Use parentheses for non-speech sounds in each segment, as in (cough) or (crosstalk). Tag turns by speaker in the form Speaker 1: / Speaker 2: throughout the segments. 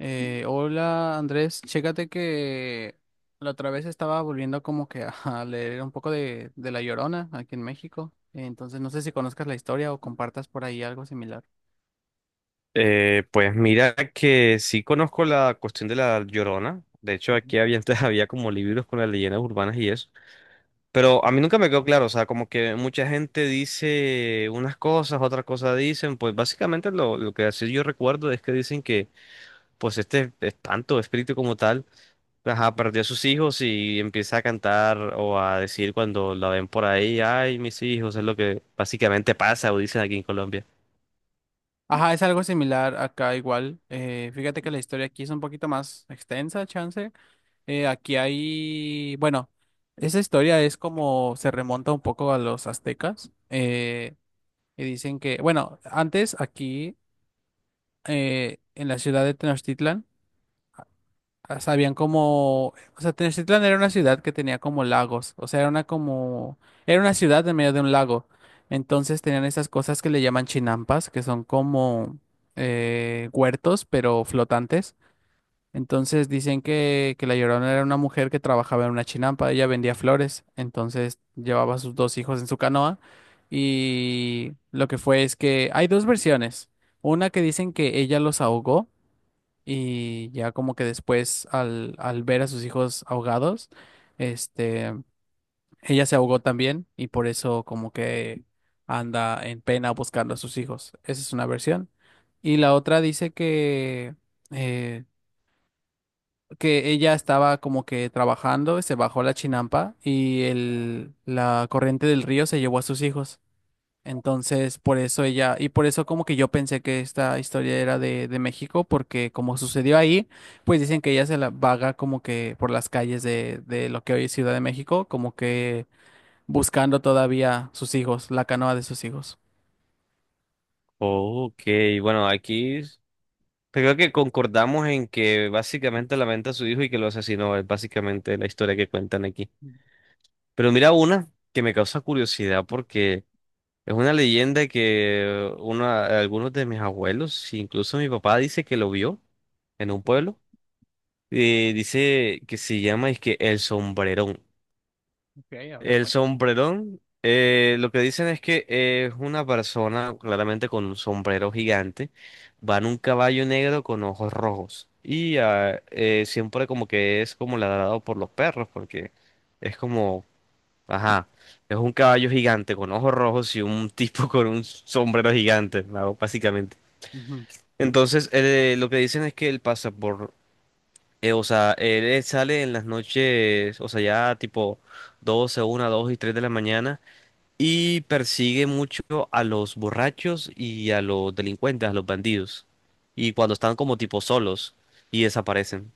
Speaker 1: Hola, Andrés, chécate que la otra vez estaba volviendo como que a leer un poco de La Llorona aquí en México. Entonces no sé si conozcas la historia o compartas por ahí algo similar.
Speaker 2: Pues mira que sí conozco la cuestión de la Llorona. De hecho,
Speaker 1: Ujú,
Speaker 2: aquí había (laughs) antes había como libros con las leyendas urbanas y eso. Pero
Speaker 1: ujú.
Speaker 2: a mí nunca me quedó claro, o sea, como que mucha gente dice unas cosas, otras cosas dicen, pues básicamente lo que así yo recuerdo es que dicen que pues este espanto, espíritu como tal, ajá, perdió a sus hijos y empieza a cantar o a decir cuando la ven por ahí, ay, mis hijos, es lo que básicamente pasa o dicen aquí en Colombia.
Speaker 1: Ajá, es algo similar acá igual. Fíjate que la historia aquí es un poquito más extensa, chance. Aquí hay, bueno, esa historia es como se remonta un poco a los aztecas. Y dicen que, bueno, antes aquí en la ciudad de Tenochtitlan, ah, sabían como, o sea, Tenochtitlan era una ciudad que tenía como lagos, o sea, era una como, era una ciudad en medio de un lago. Entonces tenían esas cosas que le llaman chinampas, que son como huertos, pero flotantes. Entonces dicen que la Llorona era una mujer que trabajaba en una chinampa, ella vendía flores, entonces llevaba a sus dos hijos en su canoa y lo que fue es que hay dos versiones. Una que dicen que ella los ahogó y ya como que después al ver a sus hijos ahogados, este, ella se ahogó también y por eso como que anda en pena buscando a sus hijos. Esa es una versión. Y la otra dice eh, que ella estaba como que trabajando, se bajó la chinampa y el, la corriente del río se llevó a sus hijos. Entonces, por eso ella, y por eso como que yo pensé que esta historia era de México, porque como sucedió ahí, pues dicen que ella se la vaga como que por las calles de lo que hoy es Ciudad de México, como que buscando todavía sus hijos, la canoa de sus hijos.
Speaker 2: Ok, bueno, aquí pues creo que concordamos en que básicamente lamenta a su hijo y que lo asesinó. Es básicamente la historia que cuentan aquí.
Speaker 1: Ujú,
Speaker 2: Pero mira una que me causa curiosidad porque es una leyenda que uno algunos de mis abuelos, incluso mi papá, dice que lo vio en un pueblo. Dice que se llama es que el sombrerón. El
Speaker 1: frecuenta.
Speaker 2: sombrerón, lo que dicen es que es una persona claramente con un sombrero gigante, va en un caballo negro con ojos rojos y siempre como que es como ladrado por los perros porque es como, ajá, es un caballo gigante con ojos rojos y un (laughs) tipo con un sombrero gigante, ¿no? Básicamente.
Speaker 1: Ujú,
Speaker 2: Entonces, lo que dicen es que él pasa por, o sea, él sale en las noches, o sea, ya tipo doce una, dos y 3 de la mañana y persigue mucho a los borrachos y a los delincuentes, a los bandidos. Y cuando están como tipo solos y desaparecen.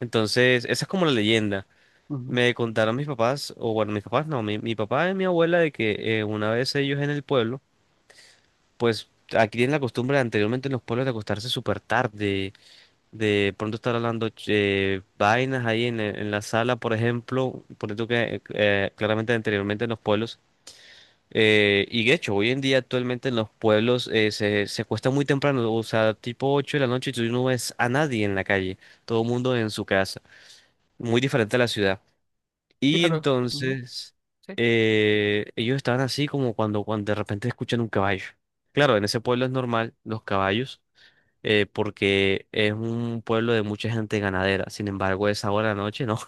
Speaker 2: Entonces, esa es como la leyenda.
Speaker 1: ujú.
Speaker 2: Me contaron mis papás, o bueno, mis papás no, mi papá y mi abuela de que una vez ellos en el pueblo, pues aquí tienen la costumbre anteriormente en los pueblos de acostarse súper tarde, de pronto estar hablando vainas ahí en la sala, por ejemplo, por eso que claramente anteriormente en los pueblos y de hecho, hoy en día actualmente en los pueblos se acuesta muy temprano, o sea, tipo 8 de la noche y tú no ves a nadie en la calle, todo el mundo en su casa, muy diferente a la ciudad. Y
Speaker 1: Claro, ujú.
Speaker 2: entonces
Speaker 1: Sí.
Speaker 2: ellos estaban así como cuando, cuando de repente escuchan un caballo. Claro, en ese pueblo es normal los caballos, porque es un pueblo de mucha gente ganadera, sin embargo, esa hora de la noche no.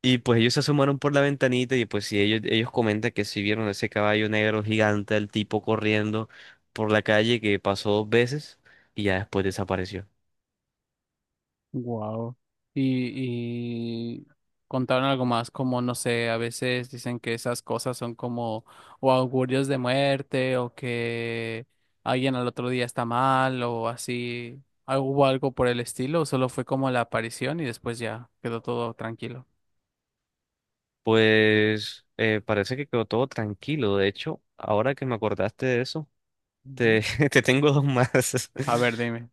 Speaker 2: Y pues ellos se asomaron por la ventanita y pues sí, ellos comentan que sí vieron ese caballo negro gigante, el tipo corriendo por la calle que pasó dos veces y ya después desapareció.
Speaker 1: Wow. Y, y contaron algo más, como no sé, a veces dicen que esas cosas son como o augurios de muerte o que alguien al otro día está mal o así. ¿Al- ¿hubo algo por el estilo? ¿O solo fue como la aparición y después ya quedó todo tranquilo?
Speaker 2: Pues parece que quedó todo tranquilo. De hecho, ahora que me acordaste de eso,
Speaker 1: Ujú.
Speaker 2: te, (laughs) te tengo dos más. (laughs)
Speaker 1: A ver, dime.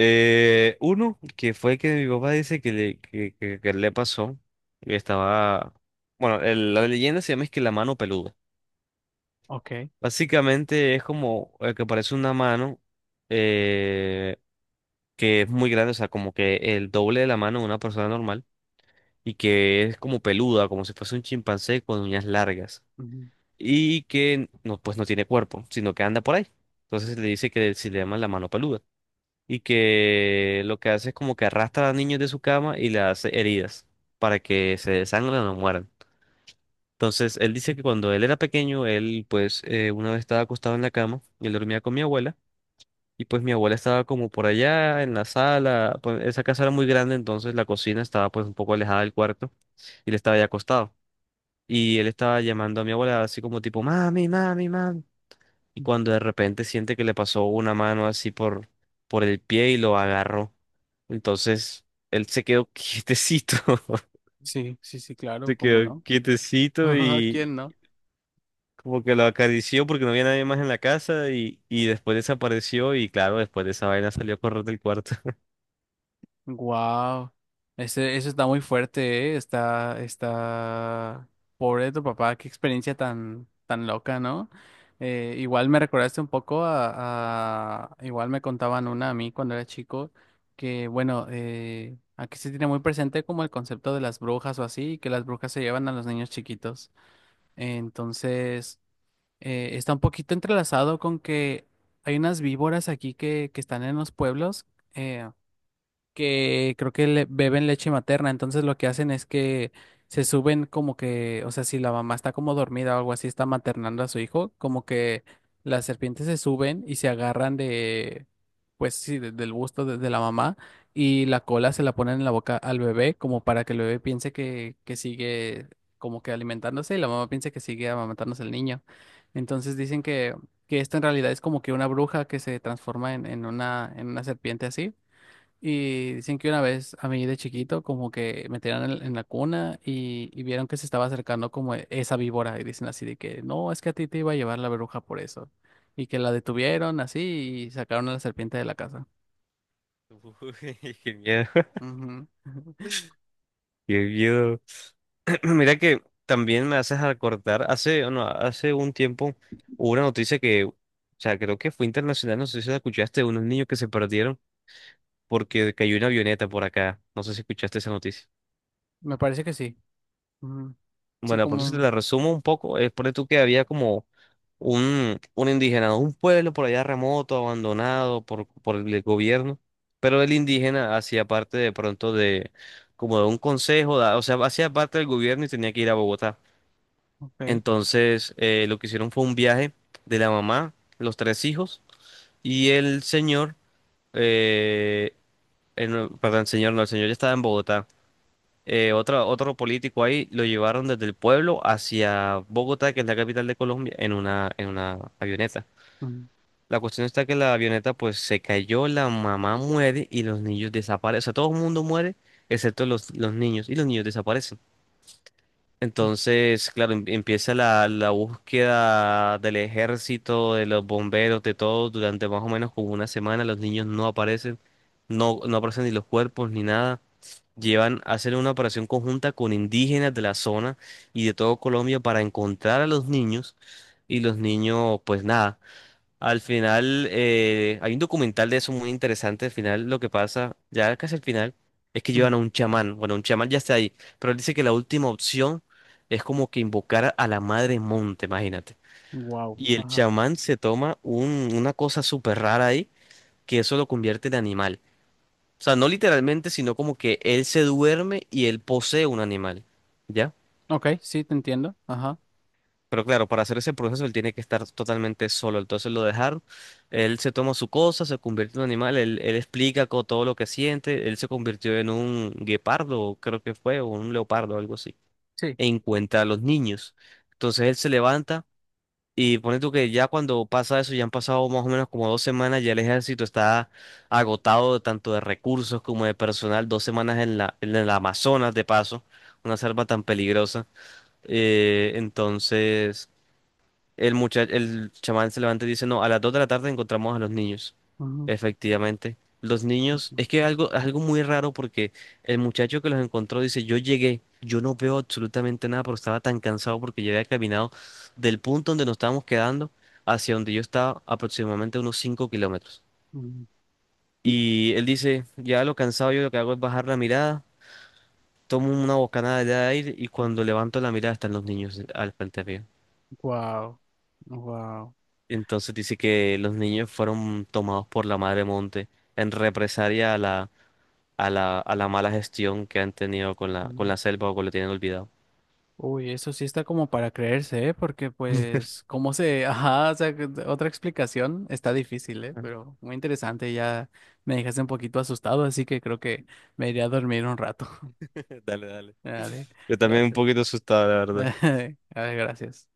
Speaker 2: Uno, que fue que mi papá dice que le, que le pasó. Que estaba, bueno, el- la leyenda se llama es que la mano peluda.
Speaker 1: Ok.
Speaker 2: Básicamente es como que parece una mano eh, que es muy grande, o sea, como que el doble de la mano de una persona normal y que es como peluda, como si fuese un chimpancé con uñas largas
Speaker 1: Ujú.
Speaker 2: y que no, pues no tiene cuerpo, sino que anda por ahí. Entonces le dice que si le llama la mano peluda y que lo que hace es como que arrastra a niños de su cama y le hace heridas para que se desangren o no mueran. Entonces él dice que cuando él era pequeño, él pues una vez estaba acostado en la cama y él dormía con mi abuela. Y pues mi abuela estaba como por allá en la sala, pues esa casa era muy grande, entonces la cocina estaba pues un poco alejada del cuarto y él estaba ya acostado. Y él estaba llamando a mi abuela así como tipo, mami, mami, mami. Y cuando de repente siente que le pasó una mano así por, el pie y lo agarró. Entonces él se quedó (laughs) quietecito,
Speaker 1: Sí, sí, sí, claro,
Speaker 2: se
Speaker 1: ¿cómo
Speaker 2: quedó
Speaker 1: no?
Speaker 2: quietecito
Speaker 1: (laughs)
Speaker 2: y
Speaker 1: ¿Quién no?
Speaker 2: como que lo acarició porque no había nadie más en la casa y después desapareció y claro, después de esa vaina salió a correr del cuarto.
Speaker 1: Wow, ese, eso está muy fuerte, ¿eh? Está, está, pobre de tu papá, qué experiencia tan, tan loca, ¿no? Igual me recordaste un poco a- igual me contaban una a mí cuando era chico, que bueno, aquí se tiene muy presente como el concepto de las brujas o así, que las brujas se llevan a los niños chiquitos. Entonces, está un poquito entrelazado con que hay unas víboras aquí que están en los pueblos. eh, que creo que le- beben leche materna, entonces lo que hacen es que se suben como que, o sea, si la mamá está como dormida o algo así, está maternando a su hijo, como que las serpientes se suben y se agarran de, pues sí, de- del busto de la mamá y la cola se la ponen en la boca al bebé como para que el bebé piense que sigue como que alimentándose y la mamá piense que sigue amamantándose el niño. Entonces dicen que esto en realidad es como que una bruja que se transforma en una serpiente así. Y dicen que una vez a mí de chiquito como que me tiraron en la cuna y vieron que se estaba acercando como e- esa víbora y dicen así de que no, es que a ti te iba a llevar la bruja por eso. Y que la detuvieron así y sacaron a la serpiente de la casa.
Speaker 2: Uy, (laughs) qué miedo, (laughs)
Speaker 1: Ujú. (laughs)
Speaker 2: qué miedo. (clears throat) Mira que también me haces acordar hace, no, hace un tiempo hubo una noticia que, o sea, creo que fue internacional, no sé si la escuchaste, de unos niños que se perdieron porque cayó una avioneta por acá. No sé si escuchaste esa noticia.
Speaker 1: Me parece que sí. Ujú. Sí,
Speaker 2: Bueno, de pronto si te
Speaker 1: como...
Speaker 2: la resumo un poco, es por tú que había como un indígena, un pueblo por allá remoto, abandonado por el gobierno, pero el indígena hacía parte de pronto de como de un consejo, da- o sea, hacía parte del gobierno y tenía que ir a Bogotá.
Speaker 1: Ok.
Speaker 2: Entonces, lo que hicieron fue un viaje de la mamá, los tres hijos y el señor, eh, no, perdón, señor, no, el señor ya estaba en Bogotá otro político ahí lo llevaron desde el pueblo hacia Bogotá, que es la capital de Colombia, en una avioneta. La cuestión está que la avioneta pues se cayó, la mamá muere y los niños desaparecen. O sea, todo el mundo muere excepto los niños y los niños desaparecen. Entonces, claro, empieza la búsqueda del ejército, de los bomberos, de todo, durante más o menos como una semana. Los niños no aparecen, no, no aparecen ni los cuerpos ni nada. Llevan a hacer una operación conjunta con indígenas de la zona y de todo Colombia para encontrar a los niños. Y los niños, pues nada. Al final, hay un documental de eso muy interesante. Al final, lo que pasa, ya casi al final, es que llevan a un chamán. Bueno, un chamán ya está ahí, pero él dice que la última opción es como que invocar a la madre monte, imagínate.
Speaker 1: Wow.
Speaker 2: Y el
Speaker 1: Ajá.
Speaker 2: chamán se toma una cosa súper rara ahí, que eso lo convierte en animal. O sea, no literalmente, sino como que él se duerme y él posee un animal. ¿Ya?
Speaker 1: Ok, sí, te entiendo. Ajá.
Speaker 2: Pero claro, para hacer ese proceso él tiene que estar totalmente solo. Entonces lo dejaron, él se toma su cosa, se convierte en un animal, él explica todo lo que siente, él se convirtió en un guepardo, creo que fue, o un leopardo, algo así.
Speaker 1: Sí.
Speaker 2: E encuentra a los niños. Entonces él se levanta y pone tú que ya cuando pasa eso, ya han pasado más o menos como 2 semanas, ya el ejército está agotado de tanto de recursos como de personal, 2 semanas en la, en el Amazonas de paso, una selva tan peligrosa. Entonces... El muchacho, el chamán se levanta y dice, no, a las 2 de la tarde encontramos a los niños.
Speaker 1: Ujú.
Speaker 2: Efectivamente. Los niños,
Speaker 1: Sí.
Speaker 2: es que algo, algo muy raro porque el muchacho que los encontró dice, yo llegué, yo no veo absolutamente nada, pero estaba tan cansado porque yo había caminado del punto donde nos estábamos quedando hacia donde yo estaba aproximadamente unos 5 kilómetros. Y él dice, ya lo cansado yo lo que hago es bajar la mirada, tomo una bocanada de aire y cuando levanto la mirada están los niños al frente mío.
Speaker 1: Wow. Wow.
Speaker 2: Entonces dice que los niños fueron tomados por la madre monte en represalia a la, a la, a la mala gestión que han tenido con la selva o con lo tienen olvidado.
Speaker 1: Uy, eso sí está como para creerse, ¿eh? Porque pues, ¿cómo se...? (laughs) Ajá, o sea, que- otra explicación está difícil, ¿eh? Pero muy interesante, ya me dejaste un poquito asustado, así que creo que me iré a dormir un rato. (laughs)
Speaker 2: (laughs) Dale, dale.
Speaker 1: Dale,
Speaker 2: Yo también un
Speaker 1: gracias.
Speaker 2: poquito asustado, la
Speaker 1: (laughs)
Speaker 2: verdad.
Speaker 1: Dale, gracias.